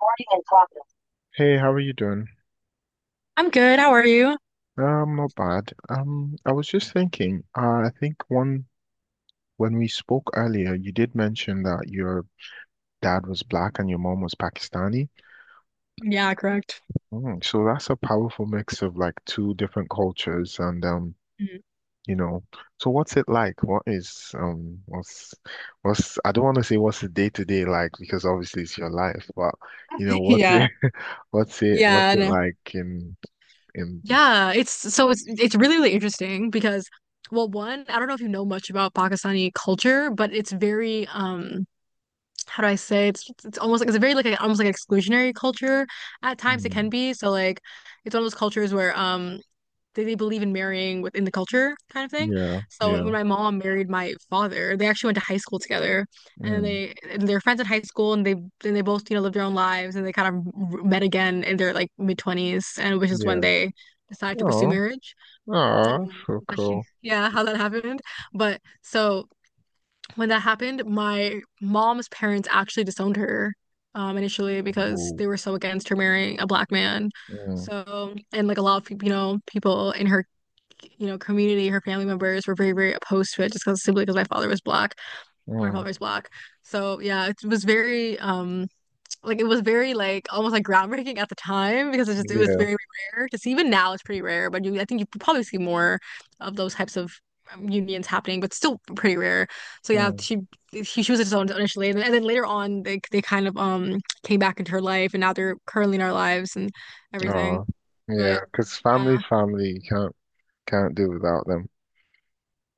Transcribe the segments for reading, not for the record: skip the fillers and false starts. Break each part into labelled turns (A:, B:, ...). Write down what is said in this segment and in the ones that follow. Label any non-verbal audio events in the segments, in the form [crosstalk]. A: Boarding and clocking.
B: Hey, how are you doing?
A: I'm good. How are you?
B: Not bad. I was just thinking, I think one when we spoke earlier, you did mention that your dad was black and your mom was Pakistani.
A: Yeah, correct.
B: Mm, so that's a powerful mix of like two different cultures
A: Mhm.
B: you know, so what's it like? What is what's I don't want to say what's the day to day like because obviously it's your life, but
A: [laughs]
B: what's
A: Yeah.
B: it [laughs] what's it what's
A: Yeah,
B: it
A: no.
B: like in
A: Yeah, it's so it's really really interesting because well, one, I don't know if you know much about Pakistani culture, but it's very how do I say it's almost like it's a very like a, almost like an exclusionary culture at times it can
B: mm,
A: be. So like it's one of those cultures where they believe in marrying within the culture kind of thing.
B: yeah,
A: So
B: yeah.
A: when my mom married my father, they actually went to high school together, and then
B: Mm.
A: they and they're friends at high school, and they both you know lived their own lives, and they kind of met again in their like mid twenties, and which is when
B: Yeah.
A: they decided to pursue
B: Oh,
A: marriage.
B: oh,
A: Yeah,
B: that's so cool.
A: yeah, how that happened. But so when that happened, my mom's parents actually disowned her initially because
B: Whoa.
A: they were so against her marrying a black man.
B: Mm,
A: So, and like a lot of, you know, people in her you know, community, her family members were very, very opposed to it just because simply because my father was black, my
B: mm,
A: father was black. So yeah, it was very like it was very like almost like groundbreaking at the time because it was
B: yeah.
A: very rare to see. Even now it's pretty rare, but you I think you probably see more of those types of unions happening, but still pretty rare. So yeah,
B: Mm,
A: she was his own initially, and, and then later on they kind of came back into her life, and now they're currently in our lives and everything.
B: oh, yeah.
A: But
B: Because
A: yeah.
B: family's family. You can't do without them.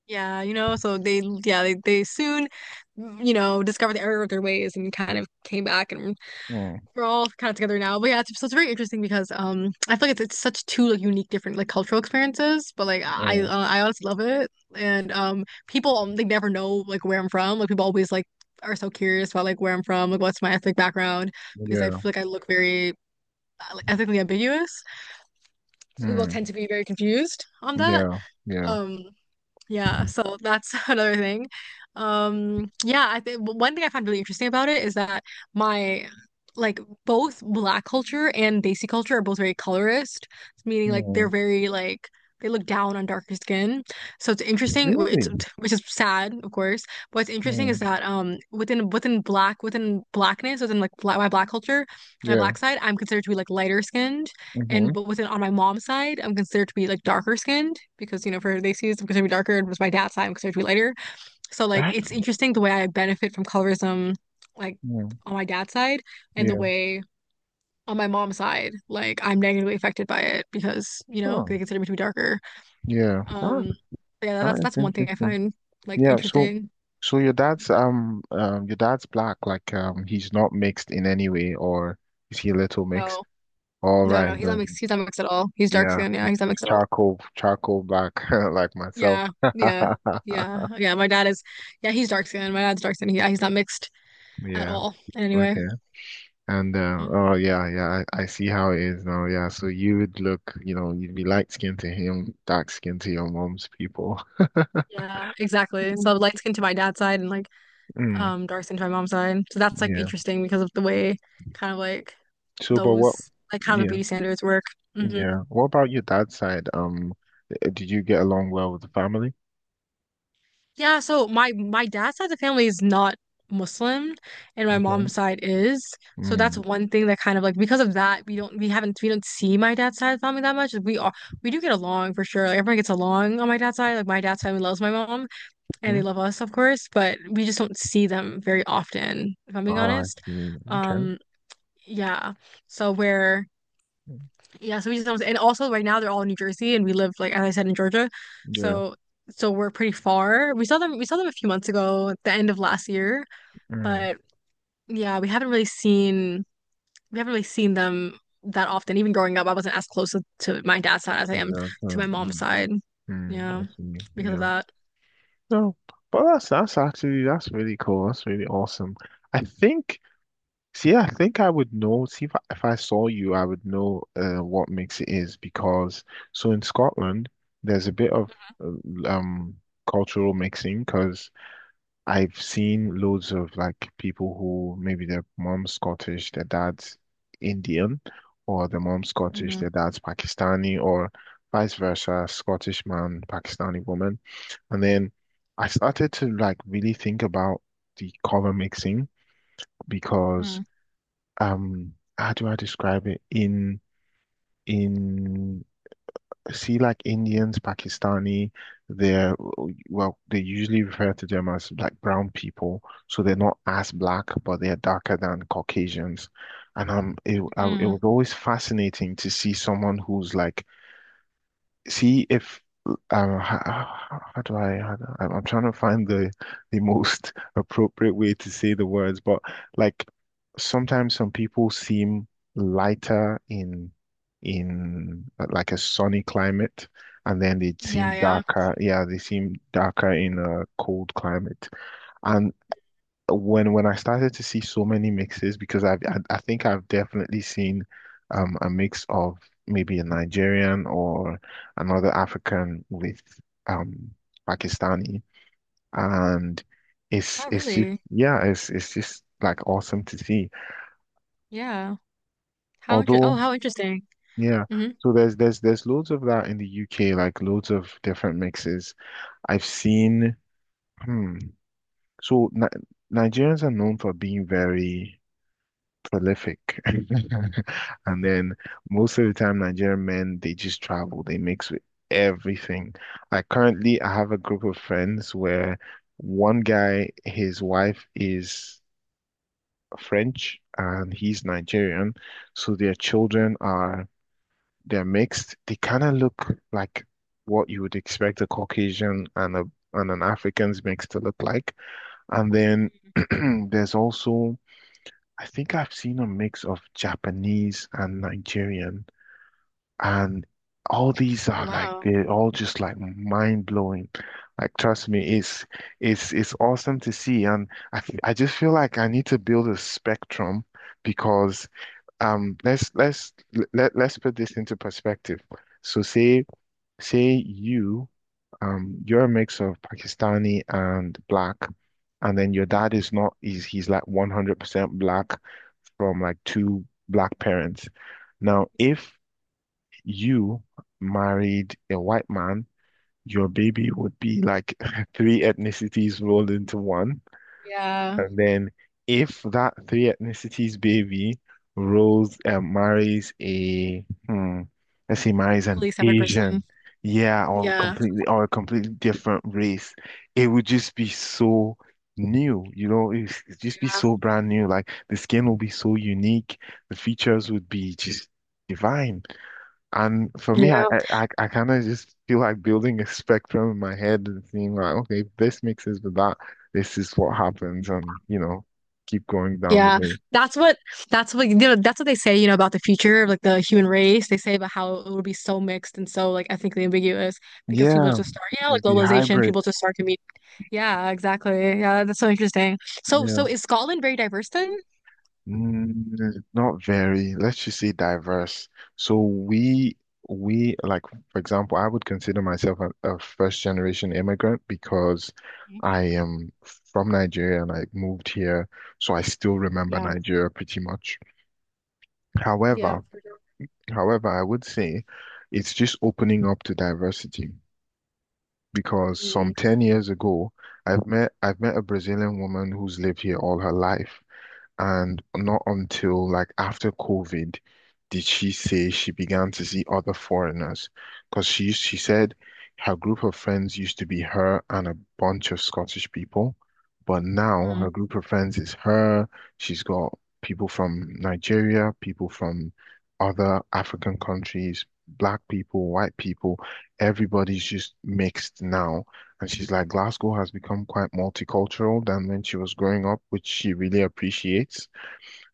A: Yeah, you know, so they yeah, they soon, you know, discovered the error of their ways and kind of came back and
B: Mm,
A: we're all kind of together now. But yeah, it's, so it's very interesting because I feel like it's such two like unique different like cultural experiences, but like
B: mm,
A: I honestly love it. And people they never know like where I'm from. Like people always like are so curious about like where I'm from, like what's my ethnic background because I
B: yeah.
A: feel like I look very like, ethnically ambiguous. So people
B: Mm,
A: tend to be very confused on that.
B: yeah. Yeah.
A: Um yeah, so that's [laughs] another thing. Yeah, I think one thing I found really interesting about it is that my like both black culture and Desi culture are both very colorist, meaning like they're
B: Mm,
A: very like they look down on darker skin. So it's interesting. It's
B: really?
A: which is sad, of course. But what's interesting is
B: Mm,
A: that within black within blackness within like black, my black culture, my
B: yeah.
A: black side, I'm considered to be like lighter skinned
B: Mm-hmm.
A: and but within on my mom's side, I'm considered to be like darker skinned because you know for they see I'm considered to be darker, and with my dad's side, I'm considered to be lighter. So like
B: That.
A: it's interesting the way I benefit from colorism, like
B: Mm,
A: on my dad's side, and the
B: yeah.
A: way on my mom's side, like I'm negatively affected by it because you know
B: Oh,
A: they consider me to be darker.
B: yeah.
A: Um, yeah,
B: That
A: that's
B: is
A: that's one thing I
B: interesting.
A: find like
B: Yeah. So,
A: interesting.
B: so your dad's your dad's black. Like he's not mixed in any way, or is he a little mixed?
A: No,
B: All
A: no,
B: right.
A: no, he's not mixed. He's not mixed at all. He's dark
B: Yeah,
A: skinned. Yeah,
B: like,
A: he's not mixed at all.
B: charcoal black [laughs] like myself.
A: Yeah, yeah, yeah,
B: [laughs]
A: yeah. My dad is, yeah, he's dark skinned. My dad's dark skinned. Yeah, he's not mixed at
B: Yeah.
A: all anyway.
B: Okay. And
A: Mhm.
B: oh yeah, yeah, I see how it is now. Yeah. So you would look, you know, you'd be light skinned to him, dark skinned to your mom's people.
A: Yeah, exactly. So
B: Mhm.
A: light skin to my dad's side and like
B: Mm,
A: dark skin to my mom's side. So that's like
B: yeah.
A: interesting because of the way kind of like
B: So, but what?
A: those like kind of
B: Yeah,
A: beauty standards work. hmm
B: yeah. What about your dad's side? Did you get along well with the family?
A: Yeah, so my dad's side of the family is not Muslim and my
B: Okay.
A: mom's side is. So that's
B: Mm.
A: one thing that kind of like because of that we don't see my dad's side of the family that much. We do get along for sure. Like everyone gets along on my dad's side. Like my dad's family loves my mom and
B: Hmm?
A: they love us, of course, but we just don't see them very often, if I'm being
B: Ah, I
A: honest.
B: see. Okay.
A: Um, yeah. So we're yeah, so we just don't and also right now they're all in New Jersey and we live like as I said in Georgia.
B: Yeah.
A: So so we're pretty far. We saw them a few months ago at the end of last year,
B: Mm.
A: but yeah, we haven't really seen them that often. Even growing up, I wasn't as close to my dad's side as I
B: To your
A: am
B: dad's
A: to my
B: side.
A: mom's
B: Mm.
A: side.
B: Mm. I
A: Yeah,
B: see.
A: because of
B: Yeah.
A: that.
B: No, but that's actually that's really cool. That's really awesome. I think, see, I think I would know. See, if I saw you, I would know what mix it is because so in Scotland, there's a bit of uh, um cultural mixing because I've seen loads of like people who maybe their mom's Scottish, their dad's Indian, or their mom's Scottish,
A: Mm-hmm.
B: their dad's Pakistani, or vice versa, Scottish man, Pakistani woman. And then I started to like really think about the color mixing
A: Mm-hmm.
B: because how do I describe it? In See, like Indians, Pakistani, they're well, they usually refer to them as like brown people. So they're not as black, but they're darker than Caucasians. And it
A: Mm-hmm.
B: was always fascinating to see someone who's like see if how, how do I- am I'm trying to find the most [laughs] appropriate way to say the words, but like sometimes some people seem lighter in like a sunny climate, and then they seem
A: Yeah, yeah.
B: darker. Yeah, they seem darker in a cold climate, and when I started to see so many mixes because I think I've definitely seen a mix of maybe a Nigerian or another African with um Pakistani, and
A: Oh, really?
B: it's just like awesome to see,
A: Yeah. How inter oh,
B: although
A: how interesting.
B: yeah,
A: hmm
B: so there's loads of that in the UK, like loads of different mixes I've seen. Hmm. so Ni Nigerians are known for being very prolific. [laughs] And then most of the time, Nigerian men, they just travel, they mix with everything. Like currently, I have a group of friends where one guy, his wife is French and he's Nigerian. So their they're mixed. They kind of look like what you would expect a Caucasian and a and an African's mix to look like. And then [clears throat] there's also I think I've seen a mix of Japanese and Nigerian, and all these
A: Oh,
B: are like
A: wow.
B: they're all just like mind blowing. Like trust me, it's awesome to see, and I just feel like I need to build a spectrum because um let's let's let let's put this into perspective. So say you you're a mix of Pakistani and black, and then your dad is not he's he's like 100% black from like two black parents. Now, if you married a white man, your baby would be like [laughs] three ethnicities rolled into one.
A: Yeah.
B: And then if that three ethnicities baby rolls and marries a hmm, let's say marries an
A: Completely separate person.
B: Asian, yeah, or
A: Yeah.
B: completely or a completely different race, it would just be so new, you know, it'd just be
A: Yeah.
B: so brand new. Like the skin will be so unique, the features would be just divine. And for me,
A: Yeah.
B: I kind of just feel like building a spectrum in my head and seeing like, okay, if this mixes with that, this is what happens, and you know, keep going down the
A: Yeah.
B: way.
A: That's what that's what you know, that's what they say, you know, about the future of like the human race. They say about how it will be so mixed and so like ethnically ambiguous because people
B: Yeah,
A: just start, yeah,
B: will
A: like
B: be
A: globalization,
B: hybrid.
A: people just start to meet. Yeah, exactly. Yeah, that's so interesting. So
B: Yeah,
A: so is Scotland very diverse then?
B: mm, not very. Let's just say diverse. So we we like, for example, I would consider myself a first generation immigrant because
A: Mhm.
B: I am from Nigeria and I moved here, so I still remember
A: Yeah.
B: Nigeria pretty much.
A: Yeah,
B: However,
A: for sure.
B: I would say it's just opening up to diversity because
A: Mm,
B: some 10 years ago, I've met a Brazilian woman who's lived here all her life. And not until like after COVID did she say she began to see other foreigners. Because she said her group of friends used to be her and a bunch of Scottish people, but now
A: mm,
B: her group of friends is her. She's got people from Nigeria, people from other African countries, black people, white people. Everybody's just mixed now. And she's like, Glasgow has become quite multicultural than when she was growing up, which she really appreciates.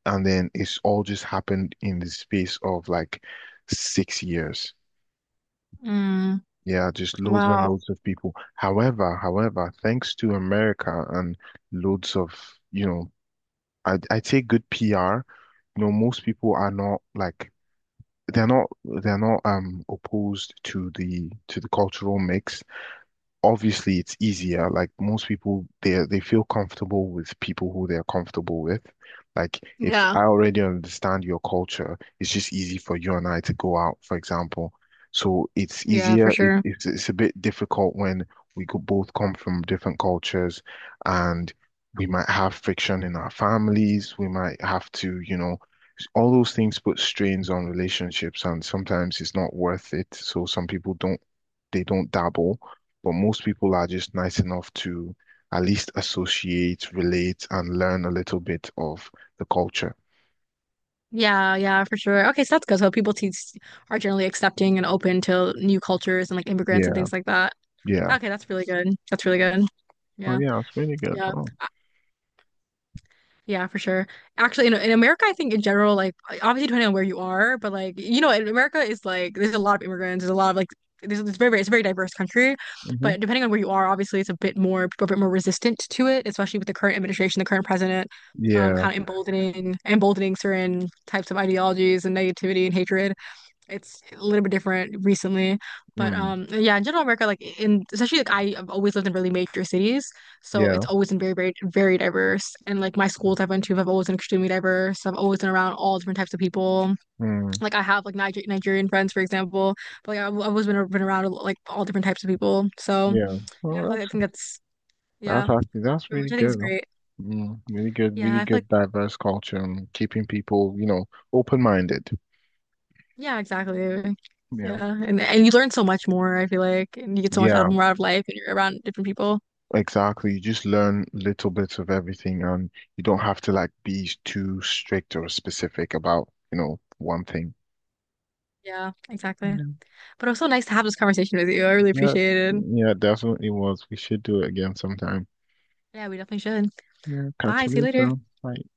B: And then it's all just happened in the space of like 6 years.
A: mm.
B: Yeah, just loads and
A: Wow.
B: loads of people. However, thanks to America and loads of, you know, I say good PR, you know, most people are not they're not they're not opposed to the cultural mix. Obviously it's easier. Like most people, they feel comfortable with people who they're comfortable with. Like if
A: Yeah.
B: I already understand your culture, it's just easy for you and I to go out, for example. So it's
A: Yeah, for
B: easier.
A: sure.
B: It's a bit difficult when we could both come from different cultures, and we might have friction in our families. We might have to, you know. All those things put strains on relationships, and sometimes it's not worth it. So some people don't they don't dabble, but most people are just nice enough to at least associate, relate, and learn a little bit of the culture.
A: Yeah, yeah, for sure. Okay, so that's good. So are generally accepting and open to new cultures and like immigrants and
B: Yeah,
A: things like that.
B: yeah.
A: Okay, that's really good. That's really good.
B: Oh,
A: Yeah,
B: yeah, it's really good.
A: yeah,
B: Oh,
A: yeah, for sure. Actually, in America, I think in general, like obviously depending on where you are, but like you know, in America is like there's a lot of immigrants. There's a lot of like there's it's very very it's a very diverse country,
B: hmm.
A: but depending on where you are, obviously it's a bit more people are a bit more resistant to it, especially with the current administration, the current president,
B: Yeah,
A: kind of emboldening certain types of ideologies and negativity and hatred it's a little bit different recently. But
B: mm,
A: yeah, in general America, like in especially like I have always lived in really major cities. So
B: yeah,
A: it's always been very, very, very diverse. And like my schools I've been to have always been extremely diverse. So I've always been around all different types of people.
B: mm,
A: Like I have like Nigerian friends, for example. But like I've always been around like all different types of people. So
B: yeah. Oh,
A: yeah, I feel like
B: that's
A: I think that's yeah,
B: that's actually that's
A: which
B: really
A: I think
B: good.
A: is great.
B: Mm, really good,
A: Yeah,
B: really
A: I feel like
B: good diverse culture and keeping people, you know, open-minded.
A: yeah, exactly.
B: Yeah.
A: Yeah, and you learn so much more, I feel like, and you get so much out of
B: Yeah.
A: more out of life and you're around different people.
B: Exactly. You just learn little bits of everything, and you don't have to like be too strict or specific about, you know, one thing.
A: Yeah, exactly.
B: Yeah.
A: But it was so nice to have this conversation with you. I really
B: Yeah.
A: appreciate it.
B: Yeah, definitely was. We should do it again sometime.
A: Yeah, we definitely should.
B: Yeah, catch
A: Bye.
B: you
A: See you later.
B: later. Bye.